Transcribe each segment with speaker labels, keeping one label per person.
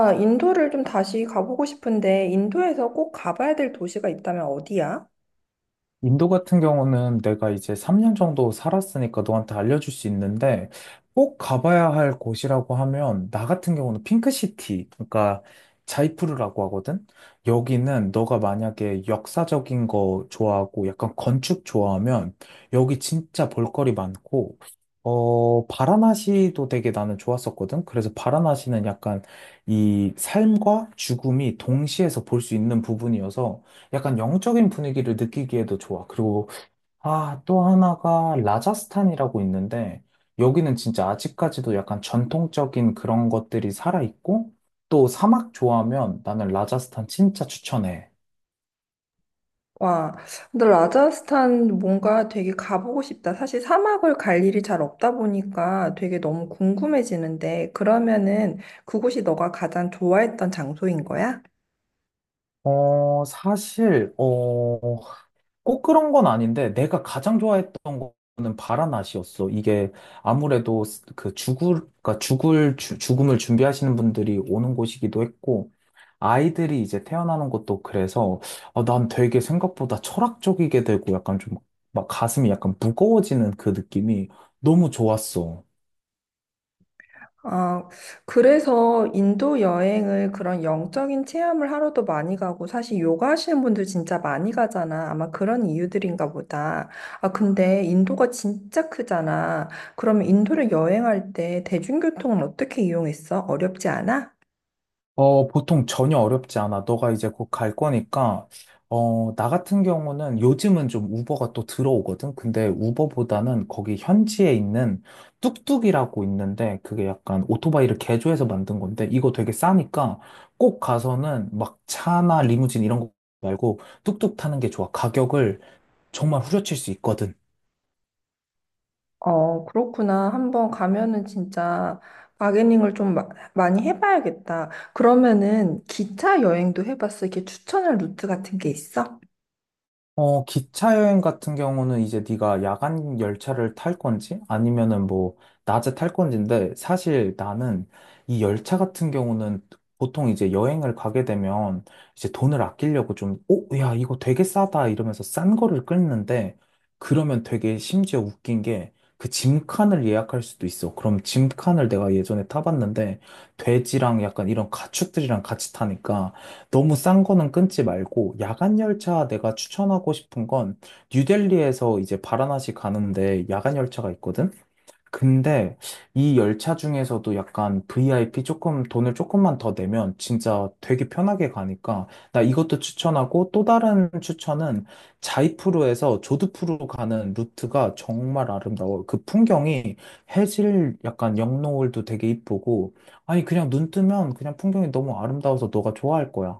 Speaker 1: 아, 인도를 좀 다시 가보고 싶은데, 인도에서 꼭 가봐야 될 도시가 있다면 어디야?
Speaker 2: 인도 같은 경우는 내가 이제 3년 정도 살았으니까 너한테 알려줄 수 있는데 꼭 가봐야 할 곳이라고 하면 나 같은 경우는 핑크시티, 그러니까 자이푸르라고 하거든? 여기는 너가 만약에 역사적인 거 좋아하고 약간 건축 좋아하면 여기 진짜 볼거리 많고 바라나시도 되게 나는 좋았었거든? 그래서 바라나시는 약간 이 삶과 죽음이 동시에서 볼 수 있는 부분이어서 약간 영적인 분위기를 느끼기에도 좋아. 그리고, 또 하나가 라자스탄이라고 있는데, 여기는 진짜 아직까지도 약간 전통적인 그런 것들이 살아있고, 또 사막 좋아하면 나는 라자스탄 진짜 추천해.
Speaker 1: 와, 근데 라자스탄 뭔가 되게 가보고 싶다. 사실 사막을 갈 일이 잘 없다 보니까 되게 너무 궁금해지는데, 그러면은 그곳이 너가 가장 좋아했던 장소인 거야?
Speaker 2: 사실, 꼭 그런 건 아닌데 내가 가장 좋아했던 거는 바라낫이었어. 이게 아무래도 그 죽을 그러니까 죽음을 준비하시는 분들이 오는 곳이기도 했고 아이들이 이제 태어나는 것도 그래서 난 되게 생각보다 철학적이게 되고 약간 좀 막 가슴이 약간 무거워지는 그 느낌이 너무 좋았어.
Speaker 1: 아, 그래서 인도 여행을 그런 영적인 체험을 하러도 많이 가고, 사실 요가 하시는 분들 진짜 많이 가잖아. 아마 그런 이유들인가 보다. 아, 근데 인도가 진짜 크잖아. 그러면 인도를 여행할 때 대중교통은 어떻게 이용했어? 어렵지 않아?
Speaker 2: 보통 전혀 어렵지 않아. 너가 이제 곧 갈 거니까, 나 같은 경우는 요즘은 좀 우버가 또 들어오거든. 근데 우버보다는 거기 현지에 있는 뚝뚝이라고 있는데, 그게 약간 오토바이를 개조해서 만든 건데, 이거 되게 싸니까 꼭 가서는 막 차나 리무진 이런 거 말고 뚝뚝 타는 게 좋아. 가격을 정말 후려칠 수 있거든.
Speaker 1: 어, 그렇구나. 한번 가면은 진짜 바게닝을 좀 마- 많이 해봐야겠다. 그러면은 기차 여행도 해봤어? 이렇게 추천할 루트 같은 게 있어?
Speaker 2: 기차 여행 같은 경우는 이제 네가 야간 열차를 탈 건지 아니면은 뭐 낮에 탈 건지인데 사실 나는 이 열차 같은 경우는 보통 이제 여행을 가게 되면 이제 돈을 아끼려고 좀, 오, 야, 이거 되게 싸다 이러면서 싼 거를 끊는데 그러면 되게 심지어 웃긴 게 그 짐칸을 예약할 수도 있어. 그럼 짐칸을 내가 예전에 타봤는데 돼지랑 약간 이런 가축들이랑 같이 타니까 너무 싼 거는 끊지 말고 야간 열차 내가 추천하고 싶은 건 뉴델리에서 이제 바라나시 가는데 야간 열차가 있거든. 근데 이 열차 중에서도 약간 VIP 조금 돈을 조금만 더 내면 진짜 되게 편하게 가니까 나 이것도 추천하고 또 다른 추천은 자이프로에서 조드푸르 가는 루트가 정말 아름다워. 그 풍경이 해질 약간 영노을도 되게 이쁘고 아니 그냥 눈 뜨면 그냥 풍경이 너무 아름다워서 너가 좋아할 거야.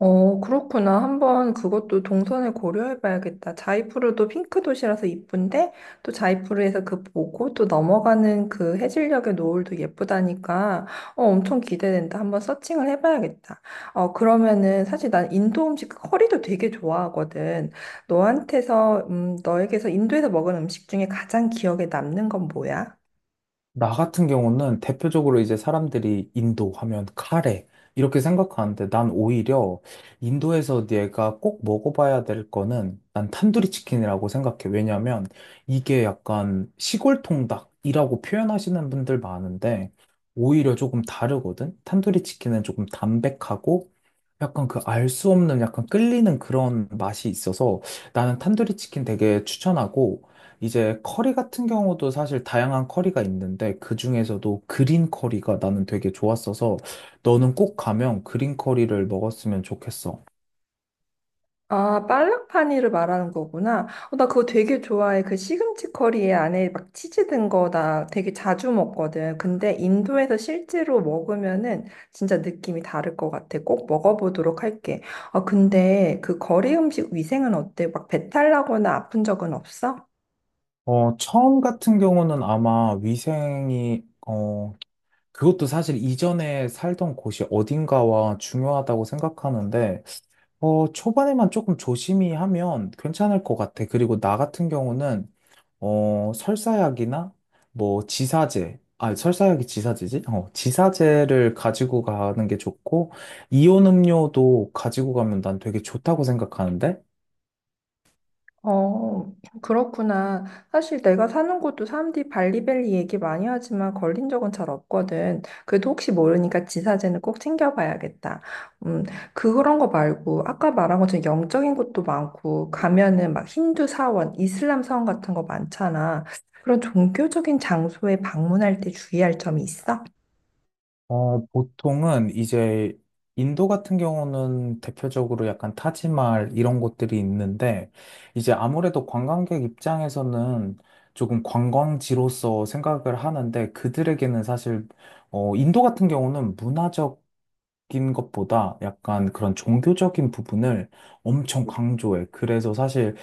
Speaker 1: 어, 그렇구나. 한번 그것도 동선을 고려해 봐야겠다. 자이프루도 핑크 도시라서 이쁜데, 또 자이프루에서 그 보고 또 넘어가는 그 해질녘의 노을도 예쁘다니까, 어, 엄청 기대된다. 한번 서칭을 해 봐야겠다. 어, 그러면은 사실 난 인도 음식 그 커리도 되게 좋아하거든. 너에게서 인도에서 먹은 음식 중에 가장 기억에 남는 건 뭐야?
Speaker 2: 나 같은 경우는 대표적으로 이제 사람들이 인도 하면 카레 이렇게 생각하는데 난 오히려 인도에서 내가 꼭 먹어봐야 될 거는 난 탄두리 치킨이라고 생각해. 왜냐면 이게 약간 시골 통닭이라고 표현하시는 분들 많은데 오히려 조금 다르거든. 탄두리 치킨은 조금 담백하고 약간 그 알 수 없는 약간 끌리는 그런 맛이 있어서 나는 탄두리 치킨 되게 추천하고 이제 커리 같은 경우도 사실 다양한 커리가 있는데 그 중에서도 그린 커리가 나는 되게 좋았어서 너는 꼭 가면 그린 커리를 먹었으면 좋겠어.
Speaker 1: 아, 빨락파니를 말하는 거구나. 어, 나 그거 되게 좋아해. 그 시금치 커리에 안에 막 치즈 든 거 나 되게 자주 먹거든. 근데 인도에서 실제로 먹으면은 진짜 느낌이 다를 것 같아. 꼭 먹어보도록 할게. 아, 근데 그 거리 음식 위생은 어때? 막 배탈 나거나 아픈 적은 없어?
Speaker 2: 처음 같은 경우는 아마 위생이, 그것도 사실 이전에 살던 곳이 어딘가와 중요하다고 생각하는데, 초반에만 조금 조심히 하면 괜찮을 것 같아. 그리고 나 같은 경우는 설사약이나 뭐 지사제, 설사약이 지사제지? 지사제를 가지고 가는 게 좋고, 이온 음료도 가지고 가면 난 되게 좋다고 생각하는데,
Speaker 1: 어, 그렇구나. 사실 내가 사는 곳도 사람들이 발리밸리 얘기 많이 하지만 걸린 적은 잘 없거든. 그래도 혹시 모르니까 지사제는 꼭 챙겨봐야겠다. 음, 그런 거 말고 아까 말한 것처럼 영적인 곳도 많고 가면은 막 힌두 사원, 이슬람 사원 같은 거 많잖아. 그런 종교적인 장소에 방문할 때 주의할 점이 있어?
Speaker 2: 보통은 이제 인도 같은 경우는 대표적으로 약간 타지말 이런 곳들이 있는데 이제 아무래도 관광객 입장에서는 조금 관광지로서 생각을 하는데 그들에게는 사실 인도 같은 경우는 문화적 인 것보다 약간 그런 종교적인 부분을 엄청 강조해. 그래서 사실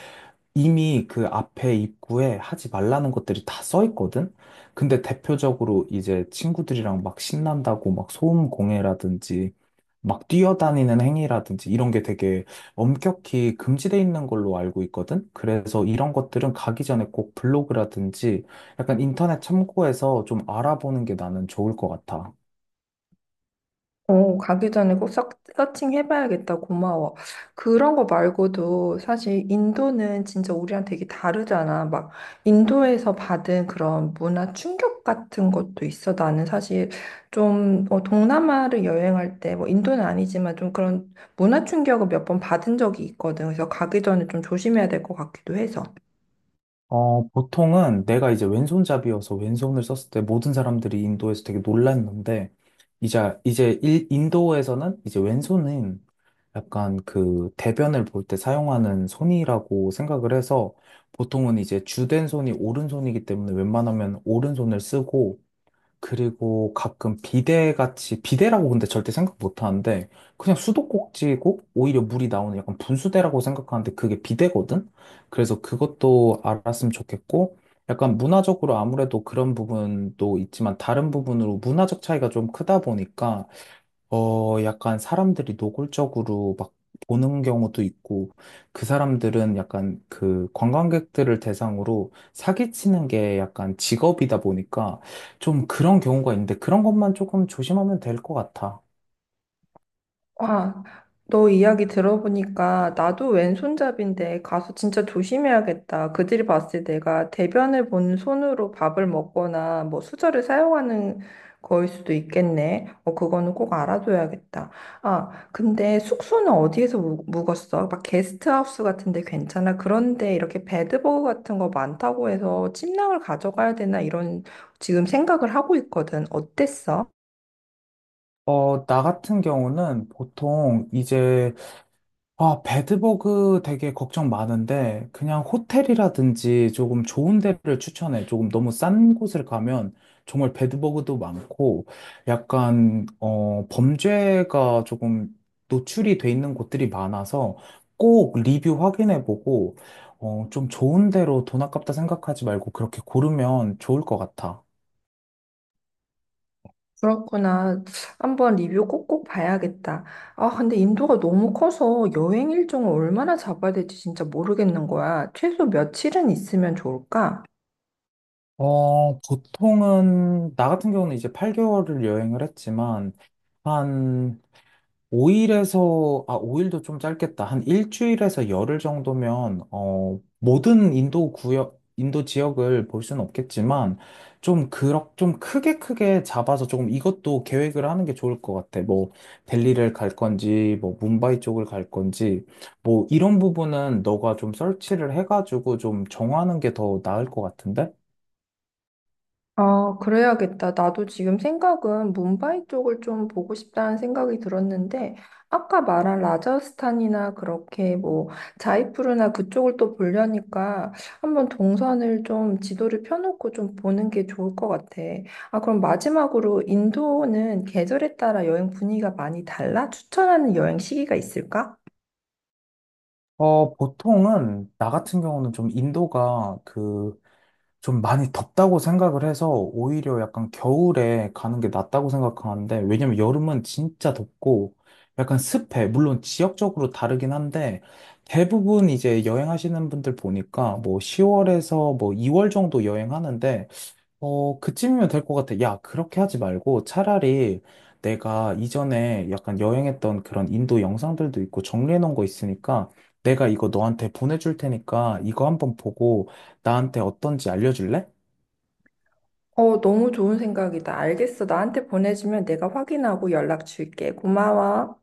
Speaker 2: 이미 그 앞에 입구에 하지 말라는 것들이 다 써 있거든? 근데 대표적으로 이제 친구들이랑 막 신난다고 막 소음 공해라든지 막 뛰어다니는 행위라든지 이런 게 되게 엄격히 금지돼 있는 걸로 알고 있거든? 그래서 이런 것들은 가기 전에 꼭 블로그라든지 약간 인터넷 참고해서 좀 알아보는 게 나는 좋을 것 같아.
Speaker 1: 어, 가기 전에 꼭 서칭해봐야겠다. 고마워. 그런 거 말고도 사실 인도는 진짜 우리랑 되게 다르잖아. 막 인도에서 받은 그런 문화 충격 같은 것도 있어. 나는 사실 좀 어, 동남아를 여행할 때 뭐 인도는 아니지만 좀 그런 문화 충격을 몇 번 받은 적이 있거든. 그래서 가기 전에 좀 조심해야 될 것 같기도 해서.
Speaker 2: 보통은 내가 이제 왼손잡이여서 왼손을 썼을 때 모든 사람들이 인도에서 되게 놀랐는데, 이제 인도에서는 이제 왼손은 약간 그 대변을 볼 때 사용하는 손이라고 생각을 해서 보통은 이제 주된 손이 오른손이기 때문에 웬만하면 오른손을 쓰고, 그리고 가끔 비대같이, 비대라고 근데 절대 생각 못 하는데, 그냥 수도꼭지고, 오히려 물이 나오는 약간 분수대라고 생각하는데, 그게 비대거든? 그래서 그것도 알았으면 좋겠고, 약간 문화적으로 아무래도 그런 부분도 있지만, 다른 부분으로 문화적 차이가 좀 크다 보니까, 약간 사람들이 노골적으로 막 보는 경우도 있고, 그 사람들은 약간 그 관광객들을 대상으로 사기치는 게 약간 직업이다 보니까 좀 그런 경우가 있는데 그런 것만 조금 조심하면 될 것 같아.
Speaker 1: 와, 너 이야기 들어보니까 나도 왼손잡인데 가서 진짜 조심해야겠다. 그들이 봤을 때 내가 대변을 본 손으로 밥을 먹거나 뭐 수저를 사용하는 거일 수도 있겠네. 어, 그거는 꼭 알아둬야겠다. 아, 근데 숙소는 묵었어? 막 게스트하우스 같은데 괜찮아? 그런데 이렇게 베드버그 같은 거 많다고 해서 침낭을 가져가야 되나 이런 지금 생각을 하고 있거든. 어땠어?
Speaker 2: 나 같은 경우는 보통 이제 배드버그 되게 걱정 많은데, 그냥 호텔이라든지 조금 좋은 데를 추천해. 조금 너무 싼 곳을 가면 정말 배드버그도 많고, 약간, 범죄가 조금 노출이 돼 있는 곳들이 많아서 꼭 리뷰 확인해 보고, 좀 좋은 데로 돈 아깝다 생각하지 말고 그렇게 고르면 좋을 것 같아.
Speaker 1: 그렇구나. 한번 리뷰 꼭꼭 봐야겠다. 아, 근데 인도가 너무 커서 여행 일정을 얼마나 잡아야 될지 진짜 모르겠는 거야. 최소 며칠은 있으면 좋을까?
Speaker 2: 보통은, 나 같은 경우는 이제 8개월을 여행을 했지만, 한 5일에서, 5일도 좀 짧겠다. 한 일주일에서 열흘 정도면, 모든 인도 구역, 인도 지역을 볼 수는 없겠지만, 좀, 좀 크게 크게 잡아서 조금 이것도 계획을 하는 게 좋을 것 같아. 뭐, 델리를 갈 건지, 뭐, 뭄바이 쪽을 갈 건지, 뭐, 이런 부분은 너가 좀 서치를 해가지고 좀 정하는 게 더 나을 것 같은데?
Speaker 1: 아, 그래야겠다. 나도 지금 생각은 뭄바이 쪽을 좀 보고 싶다는 생각이 들었는데, 아까 말한 라자스탄이나 그렇게 뭐 자이푸르나 그쪽을 또 보려니까 한번 동선을 좀 지도를 펴놓고 좀 보는 게 좋을 것 같아. 아, 그럼 마지막으로 인도는 계절에 따라 여행 분위기가 많이 달라? 추천하는 여행 시기가 있을까?
Speaker 2: 보통은, 나 같은 경우는 좀 인도가 그, 좀 많이 덥다고 생각을 해서 오히려 약간 겨울에 가는 게 낫다고 생각하는데 왜냐면 여름은 진짜 덥고 약간 습해. 물론 지역적으로 다르긴 한데 대부분 이제 여행하시는 분들 보니까 뭐 10월에서 뭐 2월 정도 여행하는데 그쯤이면 될 것 같아. 야, 그렇게 하지 말고 차라리 내가 이전에 약간 여행했던 그런 인도 영상들도 있고 정리해 놓은 거 있으니까 내가 이거 너한테 보내줄 테니까 이거 한번 보고 나한테 어떤지 알려줄래?
Speaker 1: 어, 너무 좋은 생각이다. 알겠어. 나한테 보내주면 내가 확인하고 연락 줄게. 고마워.